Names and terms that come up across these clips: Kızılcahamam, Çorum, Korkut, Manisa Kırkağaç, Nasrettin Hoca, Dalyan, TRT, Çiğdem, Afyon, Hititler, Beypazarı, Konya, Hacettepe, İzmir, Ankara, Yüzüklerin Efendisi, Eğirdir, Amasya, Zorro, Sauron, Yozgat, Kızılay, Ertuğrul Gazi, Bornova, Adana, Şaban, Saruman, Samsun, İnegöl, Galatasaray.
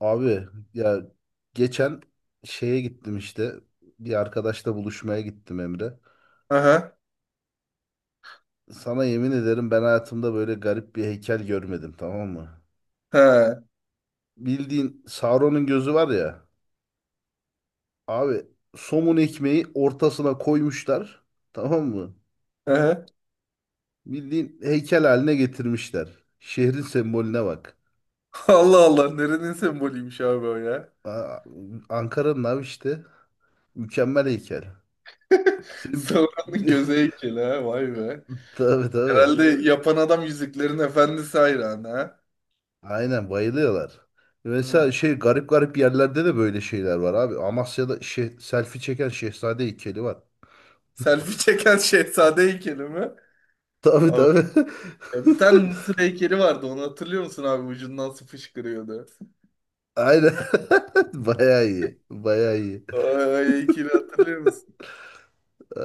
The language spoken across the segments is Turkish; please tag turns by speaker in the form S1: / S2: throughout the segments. S1: Abi ya geçen şeye gittim işte. Bir arkadaşla buluşmaya gittim Emre.
S2: Aha.
S1: Sana yemin ederim ben hayatımda böyle garip bir heykel görmedim, tamam mı?
S2: He.
S1: Bildiğin Sauron'un gözü var ya. Abi somun ekmeği ortasına koymuşlar. Tamam mı?
S2: Aha.
S1: Bildiğin heykel haline getirmişler. Şehrin sembolüne bak.
S2: Allah Allah, nerenin sembolüymüş abi o ya.
S1: Aa, Ankara'nın abi işte. Mükemmel heykel. Senin...
S2: Sauron'un göze heykeli ha, vay be.
S1: Tabii tabii.
S2: Herhalde yapan adam Yüzüklerin Efendisi hayranı ha.
S1: Aynen bayılıyorlar.
S2: Hmm.
S1: Mesela şey garip garip yerlerde de böyle şeyler var abi. Amasya'da şey, selfie çeken şehzade heykeli var.
S2: Selfie çeken şehzade heykeli mi?
S1: Tabii
S2: Abi,
S1: tabii.
S2: ya bir tane Mısır heykeli vardı, onu hatırlıyor musun abi, ucundan su fışkırıyordu.
S1: Aynen. Bayağı iyi. Bayağı iyi.
S2: O heykeli hatırlıyor musun?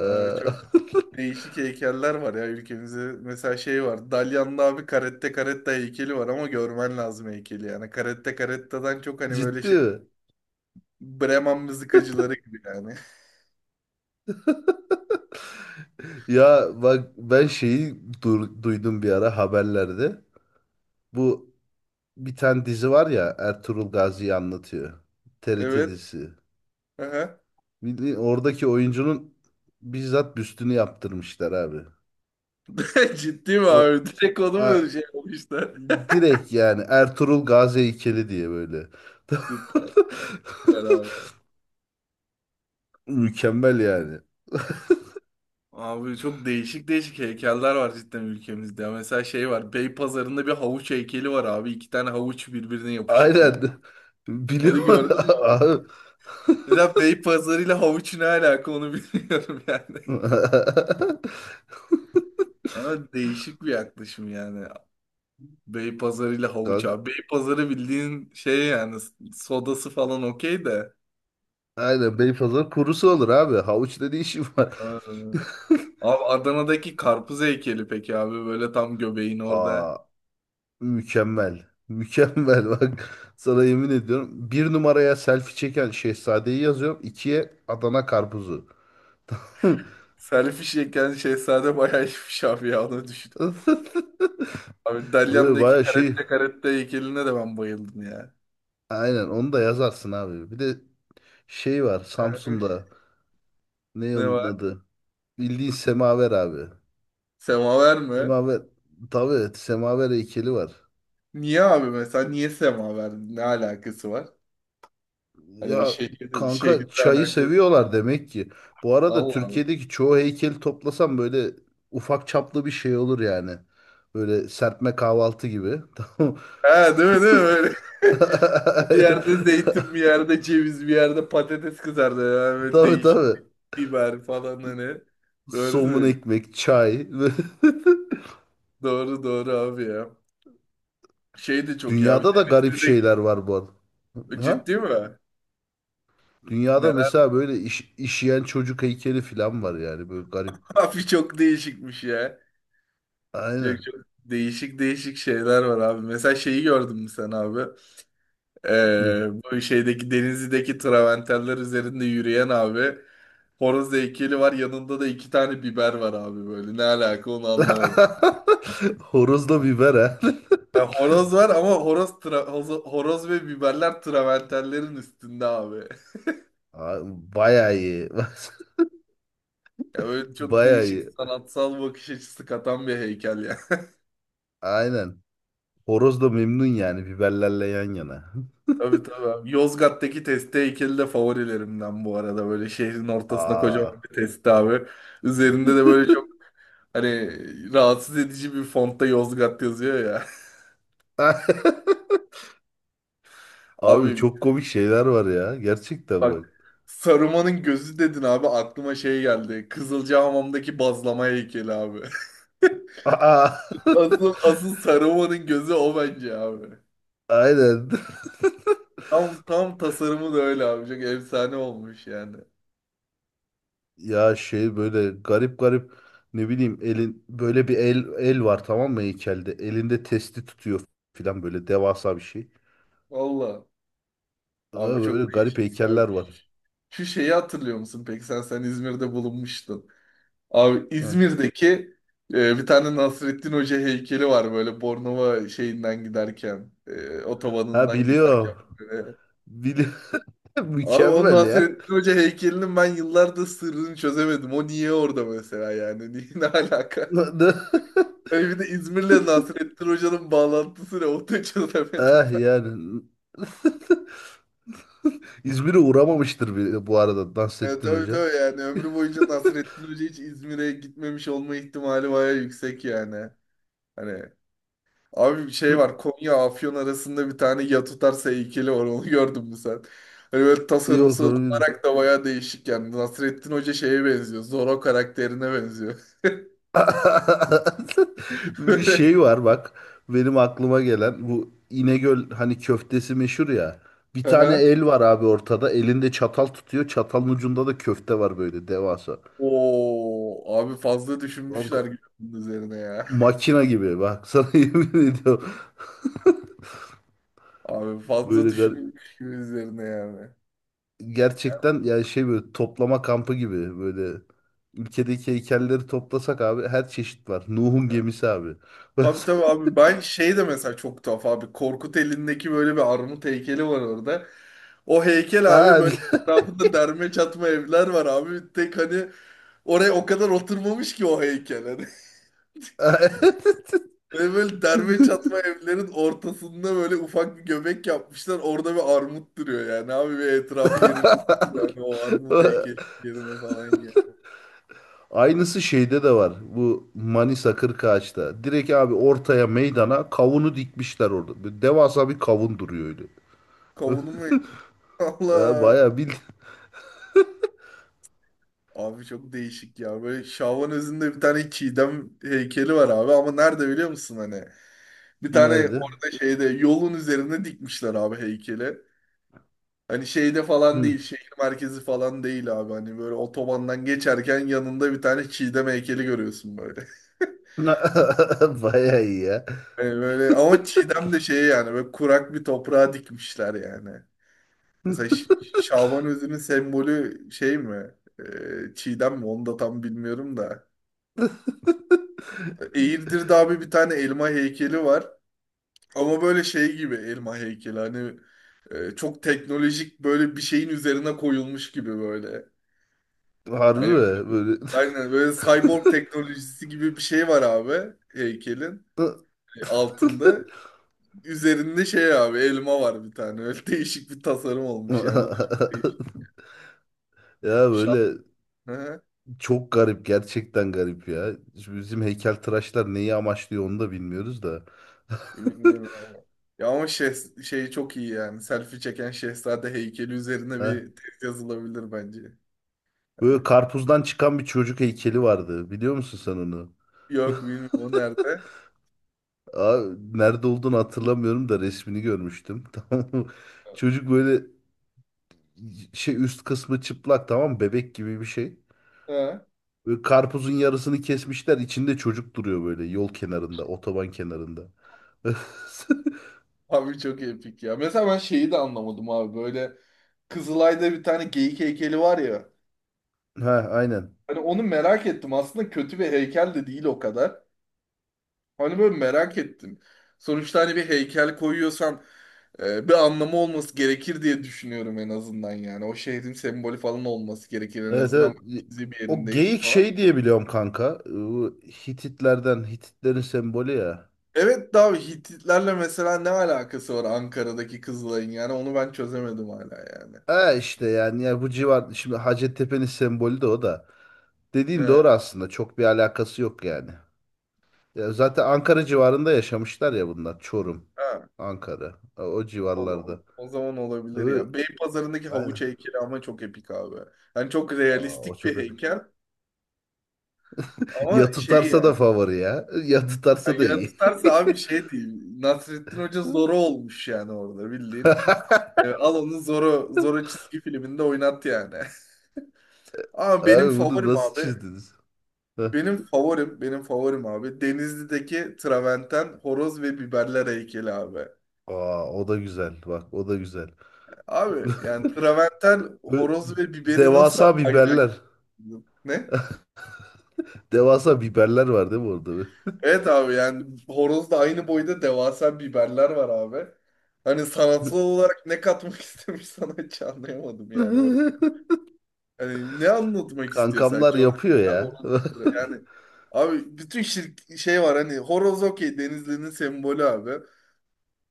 S2: Abi çok değişik heykeller var ya ülkemizde. Mesela şey var. Dalyan'da abi Caretta Caretta heykeli var ama görmen lazım heykeli. Yani Caretta Caretta'dan çok hani böyle
S1: Ciddi
S2: şey,
S1: mi?
S2: Bremen mızıkacıları gibi yani.
S1: Ya bak ben şeyi duydum bir ara haberlerde. Bu bir tane dizi var ya Ertuğrul Gazi'yi anlatıyor. TRT
S2: Evet.
S1: dizisi.
S2: Aha.
S1: Bildiğin oradaki oyuncunun bizzat büstünü yaptırmışlar abi.
S2: Ciddi mi
S1: O
S2: abi? Direkt onu
S1: a-
S2: mu şey yapmışlar?
S1: direkt yani Ertuğrul Gazi heykeli diye böyle.
S2: Süper, süper abi.
S1: Mükemmel yani.
S2: Abi çok değişik değişik heykeller var cidden ülkemizde. Ya mesela şey var. Beypazarı'nda bir havuç heykeli var abi. İki tane havuç birbirine yapışık böyle.
S1: Aynen.
S2: Onu
S1: Biliyorum
S2: gördün mü abi?
S1: abi.
S2: Mesela Beypazarı ile havuç ne alaka, onu bilmiyorum yani. Ama değişik bir yaklaşım yani. Beypazarı ile havuç
S1: Kanka,
S2: abi. Beypazarı bildiğin şey yani, sodası falan okey de.
S1: aynen Beypazarı kurusu olur abi. Havuç dediği işi var.
S2: Aa. Abi Adana'daki karpuz heykeli peki abi, böyle tam göbeğin orada.
S1: Aa, mükemmel. Mükemmel bak. Sana yemin ediyorum. Bir numaraya selfie çeken şehzadeyi yazıyorum. İkiye Adana karpuzu.
S2: Selfie çeken şehzade bayağı iyiymiş abi ya, onu düşün. Abi
S1: Böyle
S2: Dalyan'daki
S1: baya şey.
S2: karette karette heykeline de ben bayıldım ya.
S1: Aynen onu da yazarsın abi. Bir de şey var Samsun'da. Ne
S2: Ne
S1: onun
S2: var?
S1: adı? Bildiğin semaver abi.
S2: Semaver mi?
S1: Semaver. Tabii evet, semaver heykeli var.
S2: Niye abi, mesela niye semaver? Ne alakası var? Hani o
S1: Ya
S2: şehir,
S1: kanka
S2: şehirle
S1: çayı
S2: alakalı.
S1: seviyorlar demek ki. Bu arada
S2: Allah Allah.
S1: Türkiye'deki çoğu heykeli toplasam böyle ufak çaplı bir şey olur yani. Böyle serpme kahvaltı gibi. Tamam.
S2: Ha, değil mi değil mi öyle? Bir yerde zeytin, bir yerde ceviz, bir yerde patates kızardı. Yani böyle
S1: Tabii
S2: değişik,
S1: tabii.
S2: biber falan hani. Doğru
S1: Somun
S2: söylüyorsun.
S1: ekmek, çay.
S2: Doğru doğru abi ya. Şey de çok ya. Bir
S1: Dünyada da garip
S2: Denizli'de,
S1: şeyler var bu arada. Ha?
S2: ciddi mi?
S1: Dünyada
S2: Neler?
S1: mesela böyle iş, işeyen çocuk heykeli falan var yani böyle garip.
S2: Abi çok değişikmiş ya. Çok,
S1: Aynen.
S2: çok değişik değişik şeyler var abi. Mesela şeyi gördün mü sen abi?
S1: Hı.
S2: Ee, bu şeydeki Denizli'deki travertenler üzerinde yürüyen abi. Horoz heykeli var. Yanında da iki tane biber var abi böyle. Ne alaka, onu anlamadım.
S1: Horozla biber ha.
S2: Yani horoz var ama horoz ve biberler travertenlerin üstünde abi.
S1: Aa, bayağı iyi.
S2: Ya böyle çok
S1: Bayağı
S2: değişik
S1: iyi.
S2: sanatsal bakış açısı katan bir heykel ya.
S1: Aynen. Horoz da memnun yani biberlerle yan yana.
S2: Tabii tabii abi. Yozgat'taki testi heykeli de favorilerimden bu arada. Böyle şehrin ortasına kocaman
S1: Aa.
S2: bir testi abi. Üzerinde de böyle çok hani rahatsız edici bir fontta Yozgat yazıyor ya.
S1: Abi
S2: Abi
S1: çok komik şeyler var ya. Gerçekten bak.
S2: bak, Saruman'ın gözü dedin abi, aklıma şey geldi. Kızılcahamam'daki bazlama heykeli abi.
S1: Aa.
S2: Asıl, asıl Saruman'ın gözü o bence abi.
S1: Aynen.
S2: Tam tasarımı da öyle abi. Çok efsane olmuş yani.
S1: Ya şey böyle garip garip ne bileyim elin böyle bir el var tamam mı heykelde. Elinde testi tutuyor filan böyle devasa bir şey.
S2: Valla.
S1: Ha,
S2: Abi çok
S1: Böyle
S2: değişik
S1: garip
S2: ya.
S1: heykeller var.
S2: Şu şeyi hatırlıyor musun peki, sen İzmir'de bulunmuştun. Abi
S1: Ha,
S2: İzmir'deki bir tane Nasrettin Hoca heykeli var, böyle Bornova şeyinden giderken,
S1: ha,
S2: otobanından giderken
S1: biliyorum.
S2: böyle.
S1: Bili-
S2: Abi o
S1: Mükemmel ya.
S2: Nasrettin Hoca heykelinin ben yıllardır sırrını çözemedim. O niye orada mesela yani? Niye, ne alaka?
S1: Na- na-
S2: Böyle bir de İzmir'le Nasrettin Hoca'nın bağlantısı ne? Onu da çözemedim
S1: Ah
S2: ben.
S1: yani. İzmir'e uğramamıştır bile bu arada Nasrettin
S2: Tabii
S1: Hoca.
S2: tabii yani ömrü boyunca Nasrettin Hoca hiç İzmir'e gitmemiş olma ihtimali bayağı yüksek yani. Hani abi bir şey
S1: Hı,
S2: var, Konya Afyon arasında bir tane ya tutarsa heykeli var, onu gördün mü sen? Hani böyle
S1: yok
S2: tasarımsal
S1: onu bilmiyorum.
S2: olarak da bayağı değişik yani. Nasrettin Hoca şeye benziyor, Zorro karakterine benziyor.
S1: Bir
S2: Böyle.
S1: şey var bak. Benim aklıma gelen bu İnegöl hani köftesi meşhur ya. Bir tane
S2: Aha.
S1: el var abi ortada. Elinde çatal tutuyor. Çatalın ucunda da köfte var böyle devasa.
S2: Oo, abi fazla
S1: Kanka,
S2: düşünmüşler gibi bunun üzerine ya.
S1: makina gibi. Bak sana yemin ediyorum.
S2: Abi fazla
S1: Böyle garip.
S2: düşünülmüş gibi üzerine yani.
S1: Gerçekten yani şey böyle toplama kampı gibi böyle ülkedeki heykelleri toplasak abi her çeşit var. Nuh'un gemisi abi.
S2: Abi tabii abi, ben şey de mesela çok tuhaf abi, Korkut elindeki böyle bir armut heykeli var orada. O heykel abi,
S1: Abi.
S2: böyle etrafında derme çatma evler var abi. Tek hani oraya o kadar oturmamış ki o heykel hani. Böyle derme çatma evlerin ortasında böyle ufak bir göbek yapmışlar. Orada bir armut duruyor yani abi, ve etrafı yenilirsiniz yani o armut heykeli yerine falan ya.
S1: Aynısı şeyde de var. Bu Manisa Kırkağaç'ta. Direkt abi ortaya meydana kavunu dikmişler orada. Böyle devasa bir kavun duruyor öyle.
S2: Kavunu mu? Allah.
S1: Bayağı bil.
S2: Abi çok değişik ya. Böyle Şaban özünde bir tane Çiğdem heykeli var abi ama nerede biliyor musun hani? Bir tane
S1: Nerede?
S2: orada şeyde yolun üzerine dikmişler abi heykeli. Hani şeyde falan
S1: Hı.
S2: değil, şehir merkezi falan değil abi. Hani böyle otobandan geçerken yanında bir tane Çiğdem heykeli görüyorsun böyle.
S1: Bayağı iyi ya.
S2: Yani böyle ama Çiğdem de şey yani, böyle kurak bir toprağa dikmişler yani. Mesela Şaban özünün sembolü şey mi? Çiğdem mi? Onu da tam bilmiyorum da. Eğirdir'de abi bir tane elma heykeli var. Ama böyle şey gibi elma heykeli hani, çok teknolojik böyle bir şeyin üzerine koyulmuş gibi böyle.
S1: Harbi
S2: Hani
S1: mi? Böyle.
S2: aynen böyle cyborg teknolojisi gibi bir şey var abi heykelin altında. Üzerinde şey abi, elma var bir tane. Öyle değişik bir tasarım olmuş yani, o da çok değişik.
S1: Ya
S2: Şan.
S1: böyle
S2: Hı,
S1: çok garip gerçekten garip ya. Şimdi bizim heykeltıraşlar neyi amaçlıyor onu da bilmiyoruz da.
S2: bilmiyorum abi. Ya ama şey, çok iyi yani. Selfie çeken şehzade heykeli üzerine
S1: Heh.
S2: bir tez yazılabilir bence.
S1: Böyle karpuzdan çıkan bir çocuk heykeli vardı. Biliyor musun sen onu?
S2: Yok, bilmiyorum o nerede.
S1: Aa, nerede olduğunu hatırlamıyorum da resmini görmüştüm. Tamam mı? Çocuk böyle şey üst kısmı çıplak tamam mı? Bebek gibi bir şey.
S2: He.
S1: Böyle karpuzun yarısını kesmişler. İçinde çocuk duruyor böyle yol kenarında, otoban kenarında.
S2: Abi çok epik ya. Mesela ben şeyi de anlamadım abi. Böyle Kızılay'da bir tane geyik heykeli var ya.
S1: Ha aynen.
S2: Hani onu merak ettim. Aslında kötü bir heykel de değil o kadar. Hani böyle merak ettim. Sonuçta hani bir heykel koyuyorsan bir anlamı olması gerekir diye düşünüyorum en azından yani. O şehrin sembolü falan olması gerekir en
S1: Evet,
S2: azından,
S1: evet.
S2: bizi bir
S1: O
S2: yerindeyiz
S1: geyik
S2: falan.
S1: şey diye biliyorum kanka. Bu Hititlerden, Hititlerin sembolü ya.
S2: Evet, daha Hititlerle mesela ne alakası var Ankara'daki Kızılay'ın, yani onu ben çözemedim hala yani.
S1: E işte yani ya bu civar şimdi Hacettepe'nin sembolü de o da. Dediğin doğru aslında. Çok bir alakası yok yani. Ya zaten Ankara civarında yaşamışlar ya bunlar. Çorum,
S2: Ha,
S1: Ankara. O, o
S2: o, o,
S1: civarlarda.
S2: o zaman olabilir
S1: Ö-
S2: ya. Beypazarı'ndaki havuç
S1: Aynen.
S2: heykeli ama çok epik abi. Yani çok
S1: Aa, o
S2: realistik
S1: çok
S2: bir
S1: epik.
S2: heykel ama
S1: Ya
S2: şey
S1: tutarsa
S2: yani.
S1: da favori ya. Ya tutarsa
S2: Yani
S1: da
S2: ya
S1: iyi.
S2: tutarsa abi şey değil. Nasrettin Hoca Zorro olmuş yani orada, bildiğin. Evet, al onu Zorro, Zorro çizgi filminde oynat yani. Ama benim
S1: Abi bunu
S2: favorim
S1: nasıl
S2: abi.
S1: çizdiniz?
S2: Benim favorim, benim favorim abi, Denizli'deki Traverten horoz ve biberler heykeli abi.
S1: Aa, o da güzel. Bak o da güzel.
S2: Abi yani Traverten
S1: Ö-
S2: horoz ve biberi nasıl
S1: Devasa
S2: ayıracaksın?
S1: biberler.
S2: Ne?
S1: Devasa biberler var değil mi orada?
S2: Evet abi yani horozda aynı boyda devasa biberler var abi. Hani sanatsal olarak ne katmak istemiş sana hiç anlayamadım yani orada. Hani ne anlatmak istiyor
S1: Kankamlar
S2: sence orada,
S1: yapıyor
S2: biber
S1: ya.
S2: horoz yani abi, bütün şey var hani, horoz okey, Denizli'nin sembolü abi.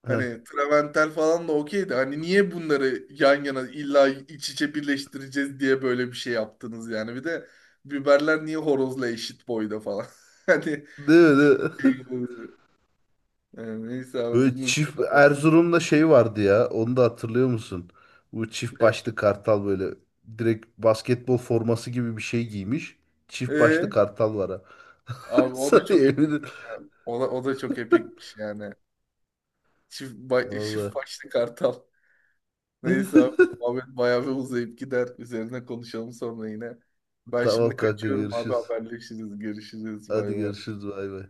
S1: Heh.
S2: Hani Traventel falan da okey de, hani niye bunları yan yana illa iç içe birleştireceğiz diye böyle bir şey yaptınız yani. Bir de biberler niye horozla eşit boyda falan. Hani
S1: Değil mi? Değil mi?
S2: yani neyse abi,
S1: Böyle
S2: bunu
S1: çift
S2: zaten bırak.
S1: Erzurum'da şey vardı ya. Onu da hatırlıyor musun? Bu çift
S2: E,
S1: başlı kartal böyle direkt basketbol forması gibi bir şey giymiş. Çift başlı
S2: e,
S1: kartal var ha.
S2: abi o da
S1: Sana
S2: çok
S1: eminim.
S2: epikmiş ya. O da çok epikmiş yani. Çift
S1: Valla.
S2: başlı kartal. Neyse abi, muhabbet bayağı bir uzayıp gider. Üzerine konuşalım sonra yine. Ben şimdi
S1: Tamam kanka
S2: kaçıyorum abi,
S1: görüşürüz.
S2: haberleşiriz. Görüşürüz.
S1: Hadi
S2: Bay bay.
S1: görüşürüz bay bay.